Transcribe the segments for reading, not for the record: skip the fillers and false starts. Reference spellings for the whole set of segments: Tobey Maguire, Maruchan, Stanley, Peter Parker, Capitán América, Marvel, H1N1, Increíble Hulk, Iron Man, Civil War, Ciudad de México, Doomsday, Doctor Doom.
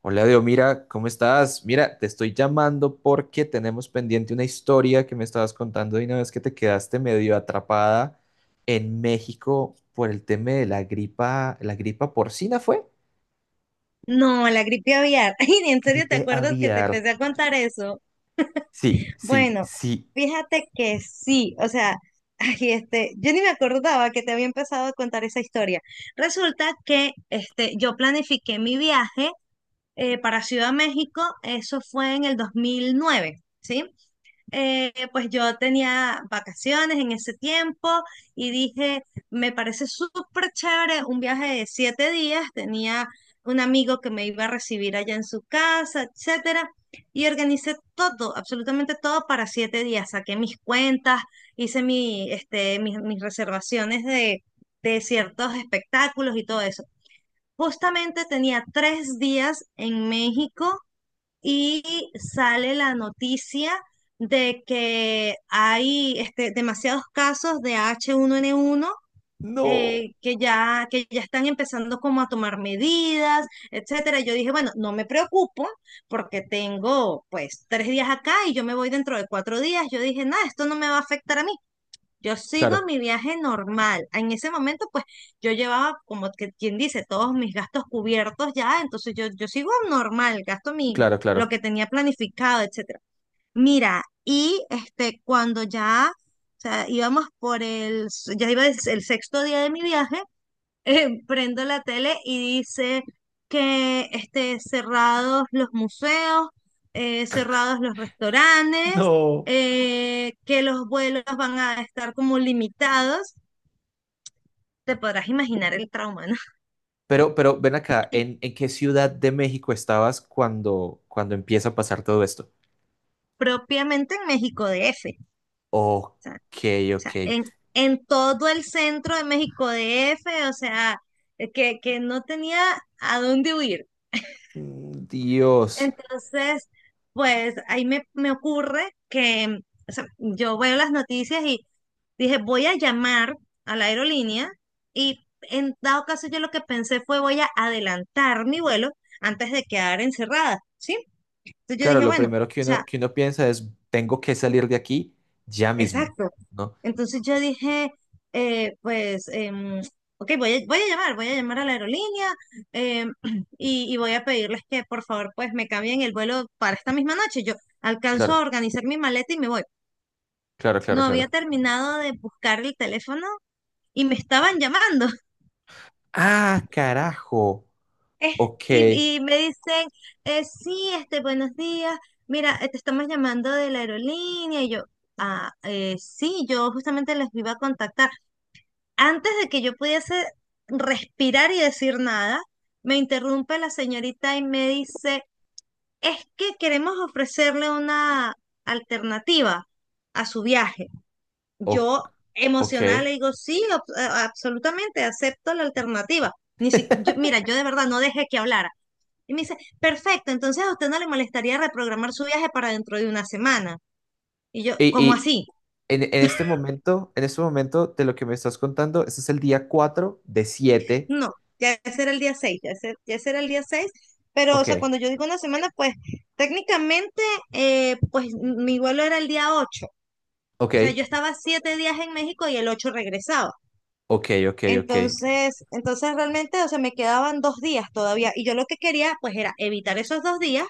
Hola, Dios, mira, ¿cómo estás? Mira, te estoy llamando porque tenemos pendiente una historia que me estabas contando de una vez que te quedaste medio atrapada en México por el tema de la gripa porcina, ¿fue? No, la gripe aviar. Ay, ¿en serio te Gripe acuerdas que te aviar. empecé a contar eso? Sí, sí, Bueno, sí. fíjate que sí, o sea, ay, este, yo ni me acordaba que te había empezado a contar esa historia. Resulta que este, yo planifiqué mi viaje para Ciudad de México. Eso fue en el 2009, ¿sí? Pues yo tenía vacaciones en ese tiempo y dije, me parece súper chévere un viaje de 7 días. Tenía un amigo que me iba a recibir allá en su casa, etcétera, y organicé todo, absolutamente todo para 7 días. Saqué mis cuentas, hice mis reservaciones de ciertos espectáculos y todo eso. Justamente tenía 3 días en México y sale la noticia de que hay este, demasiados casos de H1N1. No. Que ya están empezando como a tomar medidas, etcétera. Yo dije, bueno, no me preocupo porque tengo pues 3 días acá y yo me voy dentro de 4 días. Yo dije, nada, esto no me va a afectar a mí. Yo sigo Claro, mi viaje normal. En ese momento, pues yo llevaba, como que quien dice, todos mis gastos cubiertos ya, entonces yo sigo normal, gasto claro, lo claro. que tenía planificado, etcétera. Mira, y este, cuando ya, o sea, íbamos por el, s- ya iba el, s- el sexto día de mi viaje. Prendo la tele y dice que este, cerrados los museos, cerrados los restaurantes, No. Que los vuelos van a estar como limitados. Te podrás imaginar el trauma, ¿no? Pero ven acá, ¿en qué ciudad de México estabas cuando empieza a pasar todo esto? Propiamente en México DF, Ok, o ok. sea, en, todo el centro de México D. F., o sea, que no tenía a dónde huir. Mm, Dios. Entonces, pues ahí me, ocurre que, o sea, yo veo las noticias y dije, voy a llamar a la aerolínea, y en dado caso yo lo que pensé fue voy a adelantar mi vuelo antes de quedar encerrada, ¿sí? Entonces yo Claro, dije, lo bueno, o primero sea. que uno piensa es, tengo que salir de aquí ya mismo, Exacto. ¿no? Entonces yo dije, eh, pues, em, ok, voy a llamar a la aerolínea, em, y voy a pedirles que por favor pues me cambien el vuelo para esta misma noche. Yo alcanzo a Claro, organizar mi maleta y me voy. claro, claro, No había claro. terminado de buscar el teléfono y me estaban llamando. Ah, carajo. Eh, Ok, y me dicen, sí, este, buenos días, mira, te estamos llamando de la aerolínea. Y yo, ah, sí, yo justamente les iba a contactar. Antes de que yo pudiese respirar y decir nada, me interrumpe la señorita y me dice, es que queremos ofrecerle una alternativa a su viaje. o- Yo ok. emocional le digo, sí, absolutamente, acepto la alternativa. Ni si- yo- mira, yo de verdad no dejé que hablara. Y me dice, perfecto, entonces a usted no le molestaría reprogramar su viaje para dentro de una semana. Y yo, Y, ¿cómo y así? En este momento de lo que me estás contando, este es el día cuatro de siete. No, ya ese era el día 6. Pero o Ok, sea, cuando yo digo una semana, pues técnicamente, pues mi vuelo era el día 8, ok, o sea, yo estaba 7 días en México y el 8 regresaba. ok, ok, ok. Entonces realmente, o sea, me quedaban 2 días todavía y yo lo que quería, pues, era evitar esos 2 días,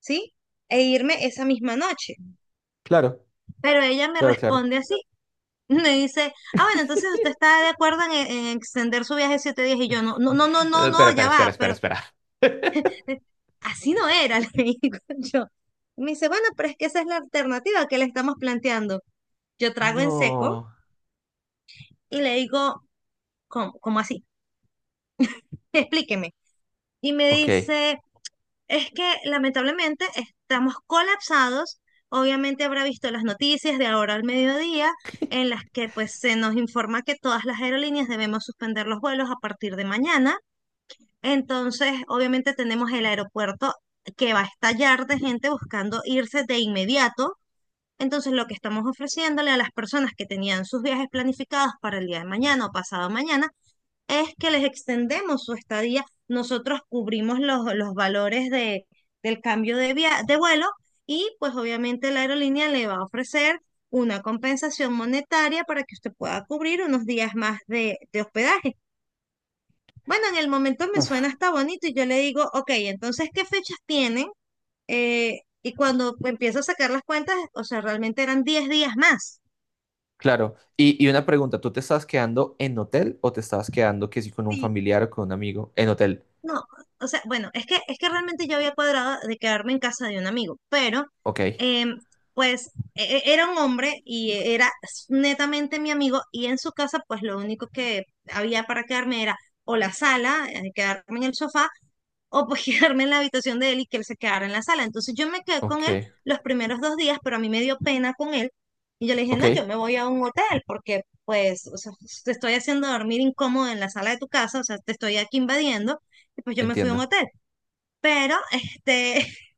¿sí? E irme esa misma noche. Claro, Pero ella me claro, claro. responde así, me dice, ah, bueno, entonces usted está de acuerdo en, extender su viaje 7 días. Y yo no, no, no, no, no, Espera, no, espera, ya va, espera, espera, pero espera. así no era, le digo yo. Me dice, bueno, pero es que esa es la alternativa que le estamos planteando. Yo trago en seco No. y le digo, cómo así? Explíqueme. Y me Ok. dice, es que lamentablemente estamos colapsados. Obviamente habrá visto las noticias de ahora al mediodía en las que pues se nos informa que todas las aerolíneas debemos suspender los vuelos a partir de mañana. Entonces, obviamente tenemos el aeropuerto que va a estallar de gente buscando irse de inmediato. Entonces, lo que estamos ofreciéndole a las personas que tenían sus viajes planificados para el día de mañana o pasado mañana es que les extendemos su estadía. Nosotros cubrimos los valores del cambio de vuelo, y pues obviamente la aerolínea le va a ofrecer una compensación monetaria para que usted pueda cubrir unos días más de hospedaje. Bueno, en el momento me suena hasta bonito y yo le digo, ok, entonces, ¿qué fechas tienen? Y cuando empiezo a sacar las cuentas, o sea, realmente eran 10 días más. Claro. Y una pregunta, ¿tú te estabas quedando en hotel o te estabas quedando que sí con un Sí, familiar o con un amigo? En hotel. no, o sea, bueno, es que realmente yo había cuadrado de quedarme en casa de un amigo, pero Ok, em, pues era un hombre y era netamente mi amigo, y en su casa pues lo único que había para quedarme era o la sala, quedarme en el sofá o pues quedarme en la habitación de él y que él se quedara en la sala. Entonces yo me quedé con él ok, los primeros 2 días, pero a mí me dio pena con él. Y yo le dije, ok, no, yo me voy a un hotel porque, pues, o sea, pues, te estoy haciendo dormir incómodo en la sala de tu casa, o sea, te estoy aquí invadiendo. Y pues yo me fui a un entiendo. hotel. Pero este,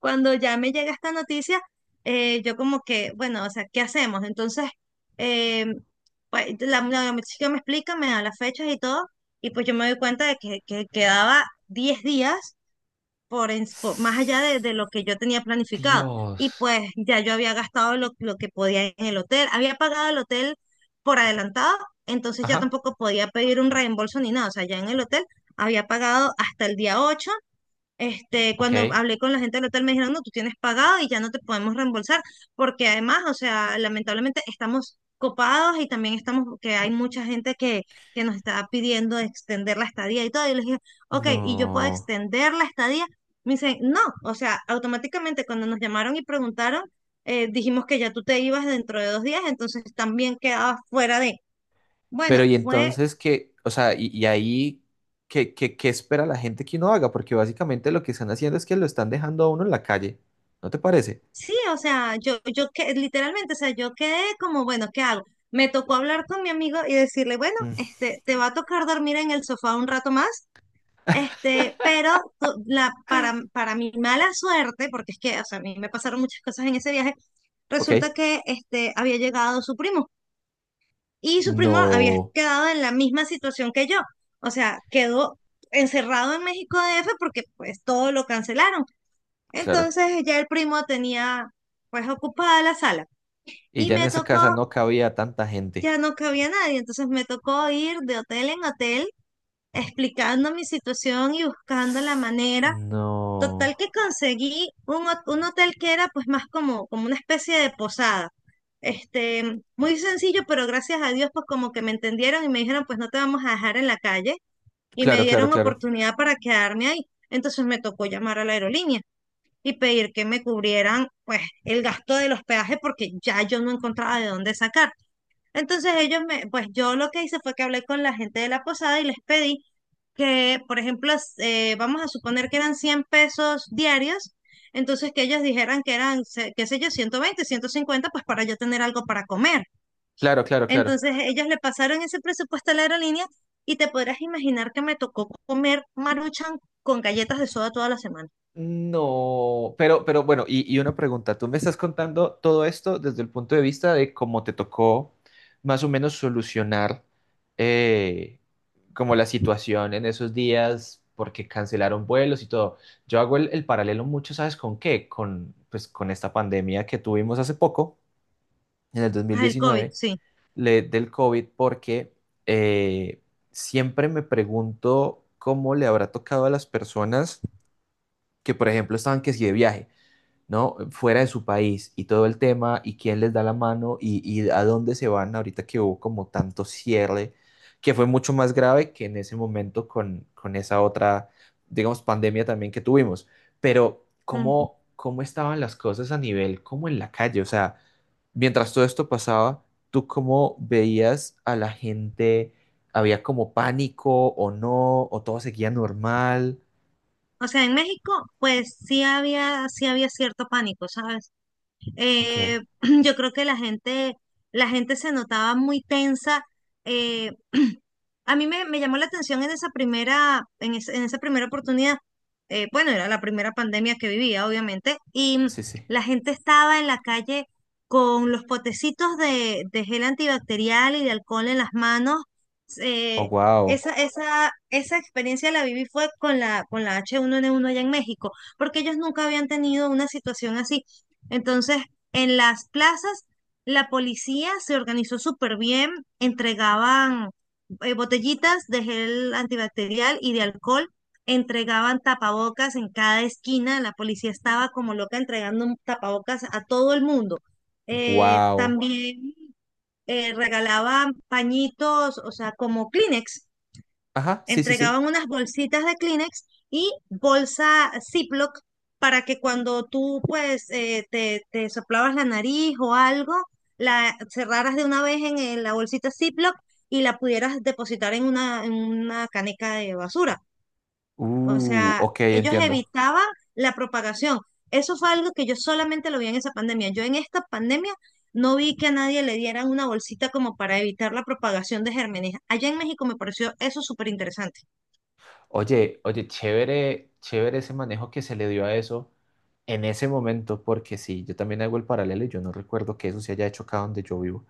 cuando ya me llega esta noticia, yo como que, bueno, o sea, ¿qué hacemos? Entonces, eh, pues la chica me explica, me da las fechas y todo, y pues yo me doy cuenta que quedaba 10 días más allá de lo que yo tenía planificado. Y Dios. pues ya yo había gastado lo que podía en el hotel, había pagado el hotel por adelantado, entonces ya Ajá, tampoco podía pedir un reembolso ni nada, o sea, ya en el hotel había pagado hasta el día 8. Este, cuando ok. hablé con la gente del hotel me dijeron, no, tú tienes pagado y ya no te podemos reembolsar, porque además, o sea, lamentablemente estamos copados y también estamos, que hay mucha gente que nos está pidiendo extender la estadía y todo. Y les dije, ok, ¿y yo puedo No. extender la estadía? Me dicen, no, o sea, automáticamente cuando nos llamaron y preguntaron, dijimos que ya tú te ibas dentro de 2 días, entonces también quedabas fuera de... Bueno, Pero y fue... entonces qué, o sea, y ahí, ¿qué espera la gente que uno haga? Porque básicamente lo que están haciendo es que lo están dejando a uno en la calle. ¿No te parece? Sí, o sea, yo que literalmente, o sea, yo quedé como, bueno, ¿qué hago? Me tocó hablar con mi amigo y decirle, bueno, Mm, este, te va a tocar dormir en el sofá un rato más, este, pero para mi mala suerte, porque es que, o sea, a mí me pasaron muchas cosas en ese viaje. ok. Resulta que este, había llegado su primo, y su primo había No, quedado en la misma situación que yo, o sea, quedó encerrado en México DF porque pues todo lo cancelaron. claro. Entonces ya el primo tenía pues ocupada la sala Y y ya en me esa tocó, casa no cabía tanta gente. ya no cabía nadie, entonces me tocó ir de hotel en hotel explicando mi situación y buscando la manera. No. Total que conseguí un hotel que era pues más como una especie de posada. Este, muy sencillo, pero gracias a Dios, pues, como que me entendieron y me dijeron, pues, no te vamos a dejar en la calle, y me Claro, claro, dieron claro. oportunidad para quedarme ahí. Entonces me tocó llamar a la aerolínea y pedir que me cubrieran pues el gasto del hospedaje porque ya yo no encontraba de dónde sacar. Entonces ellos me, pues yo lo que hice fue que hablé con la gente de la posada y les pedí que, por ejemplo, vamos a suponer que eran 100 pesos diarios, entonces que ellos dijeran que eran, qué sé yo, 120, 150 pues para yo tener algo para comer. Claro, claro, claro. Entonces ellos le pasaron ese presupuesto a la aerolínea y te podrás imaginar que me tocó comer Maruchan con galletas de soda toda la semana. No, pero bueno, y una pregunta, tú me estás contando todo esto desde el punto de vista de cómo te tocó más o menos solucionar eh, como la situación en esos días porque cancelaron vuelos y todo. Yo hago el paralelo mucho, ¿sabes con qué? Con, pues, con esta pandemia que tuvimos hace poco, en el dos mil Ah, el COVID, diecinueve. sí. Del COVID porque eh, siempre me pregunto cómo le habrá tocado a las personas que, por ejemplo, estaban que si de viaje. ¿No? Fuera de su país y todo el tema y quién les da la mano y a dónde se van ahorita que hubo como tanto cierre, que fue mucho más grave que en ese momento con esa otra, digamos, pandemia también que tuvimos. Pero, ¿cómo, cómo estaban las cosas a nivel, como en la calle? O sea, mientras todo esto pasaba, ¿tú cómo veías a la gente? ¿Había como pánico o no? ¿O todo seguía normal? O sea, en México, pues sí había, cierto pánico, ¿sabes? Ok, Eh, yo creo que la gente se notaba muy tensa. eh, a mí me llamó la atención en esa primera, en esa primera oportunidad. Bueno, era la primera pandemia que vivía, obviamente, y sí, sí. la gente estaba en la calle con los potecitos de gel antibacterial y de alcohol en las manos. Oh, eh, wow, esa experiencia la viví fue con la H1N1 allá en México, porque ellos nunca habían tenido una situación así. Entonces, en las plazas, la policía se organizó súper bien, entregaban botellitas de gel antibacterial y de alcohol, entregaban tapabocas en cada esquina, la policía estaba como loca entregando un tapabocas a todo el mundo. Eh, wow. también eh, regalaban pañitos, o sea, como Kleenex. Ajá, sí, sí, sí. Entregaban unas bolsitas de Kleenex y bolsa Ziploc para que cuando tú, pues, te soplabas la nariz o algo, la cerraras de una vez en la bolsita Ziploc y la pudieras depositar en una caneca de basura. O sea, Ok, ellos entiendo. evitaban la propagación. Eso fue algo que yo solamente lo vi en esa pandemia. Yo en esta pandemia no vi que a nadie le dieran una bolsita como para evitar la propagación de gérmenes. Allá en México me pareció eso súper interesante. Oye, oye, chévere, chévere ese manejo que se le dio a eso en ese momento, porque sí, yo también hago el paralelo y yo no recuerdo que eso se haya hecho acá donde yo vivo.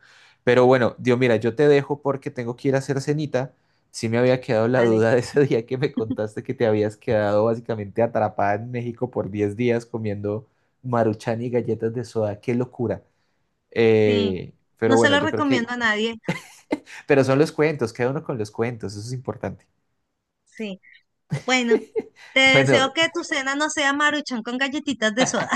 Pero bueno, Dios, mira, yo te dejo porque tengo que ir a hacer cenita. Sí me había quedado la Vale. duda de ese día que me contaste que te habías quedado básicamente atrapada en México por 10 días comiendo Maruchan y galletas de soda. ¡Qué locura! Sí, Eh, pero no se bueno, lo yo creo recomiendo que a nadie. pero son los cuentos, queda uno con los cuentos, eso es importante. Sí, bueno, te Bueno, deseo que tu cena no sea maruchan con galletitas de soda.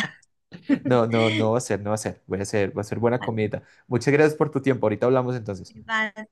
no, no, no va a ser, no va a ser. Voy a hacer, va a ser buena Vale, comida. Muchas gracias por tu tiempo. Ahorita hablamos entonces. vale.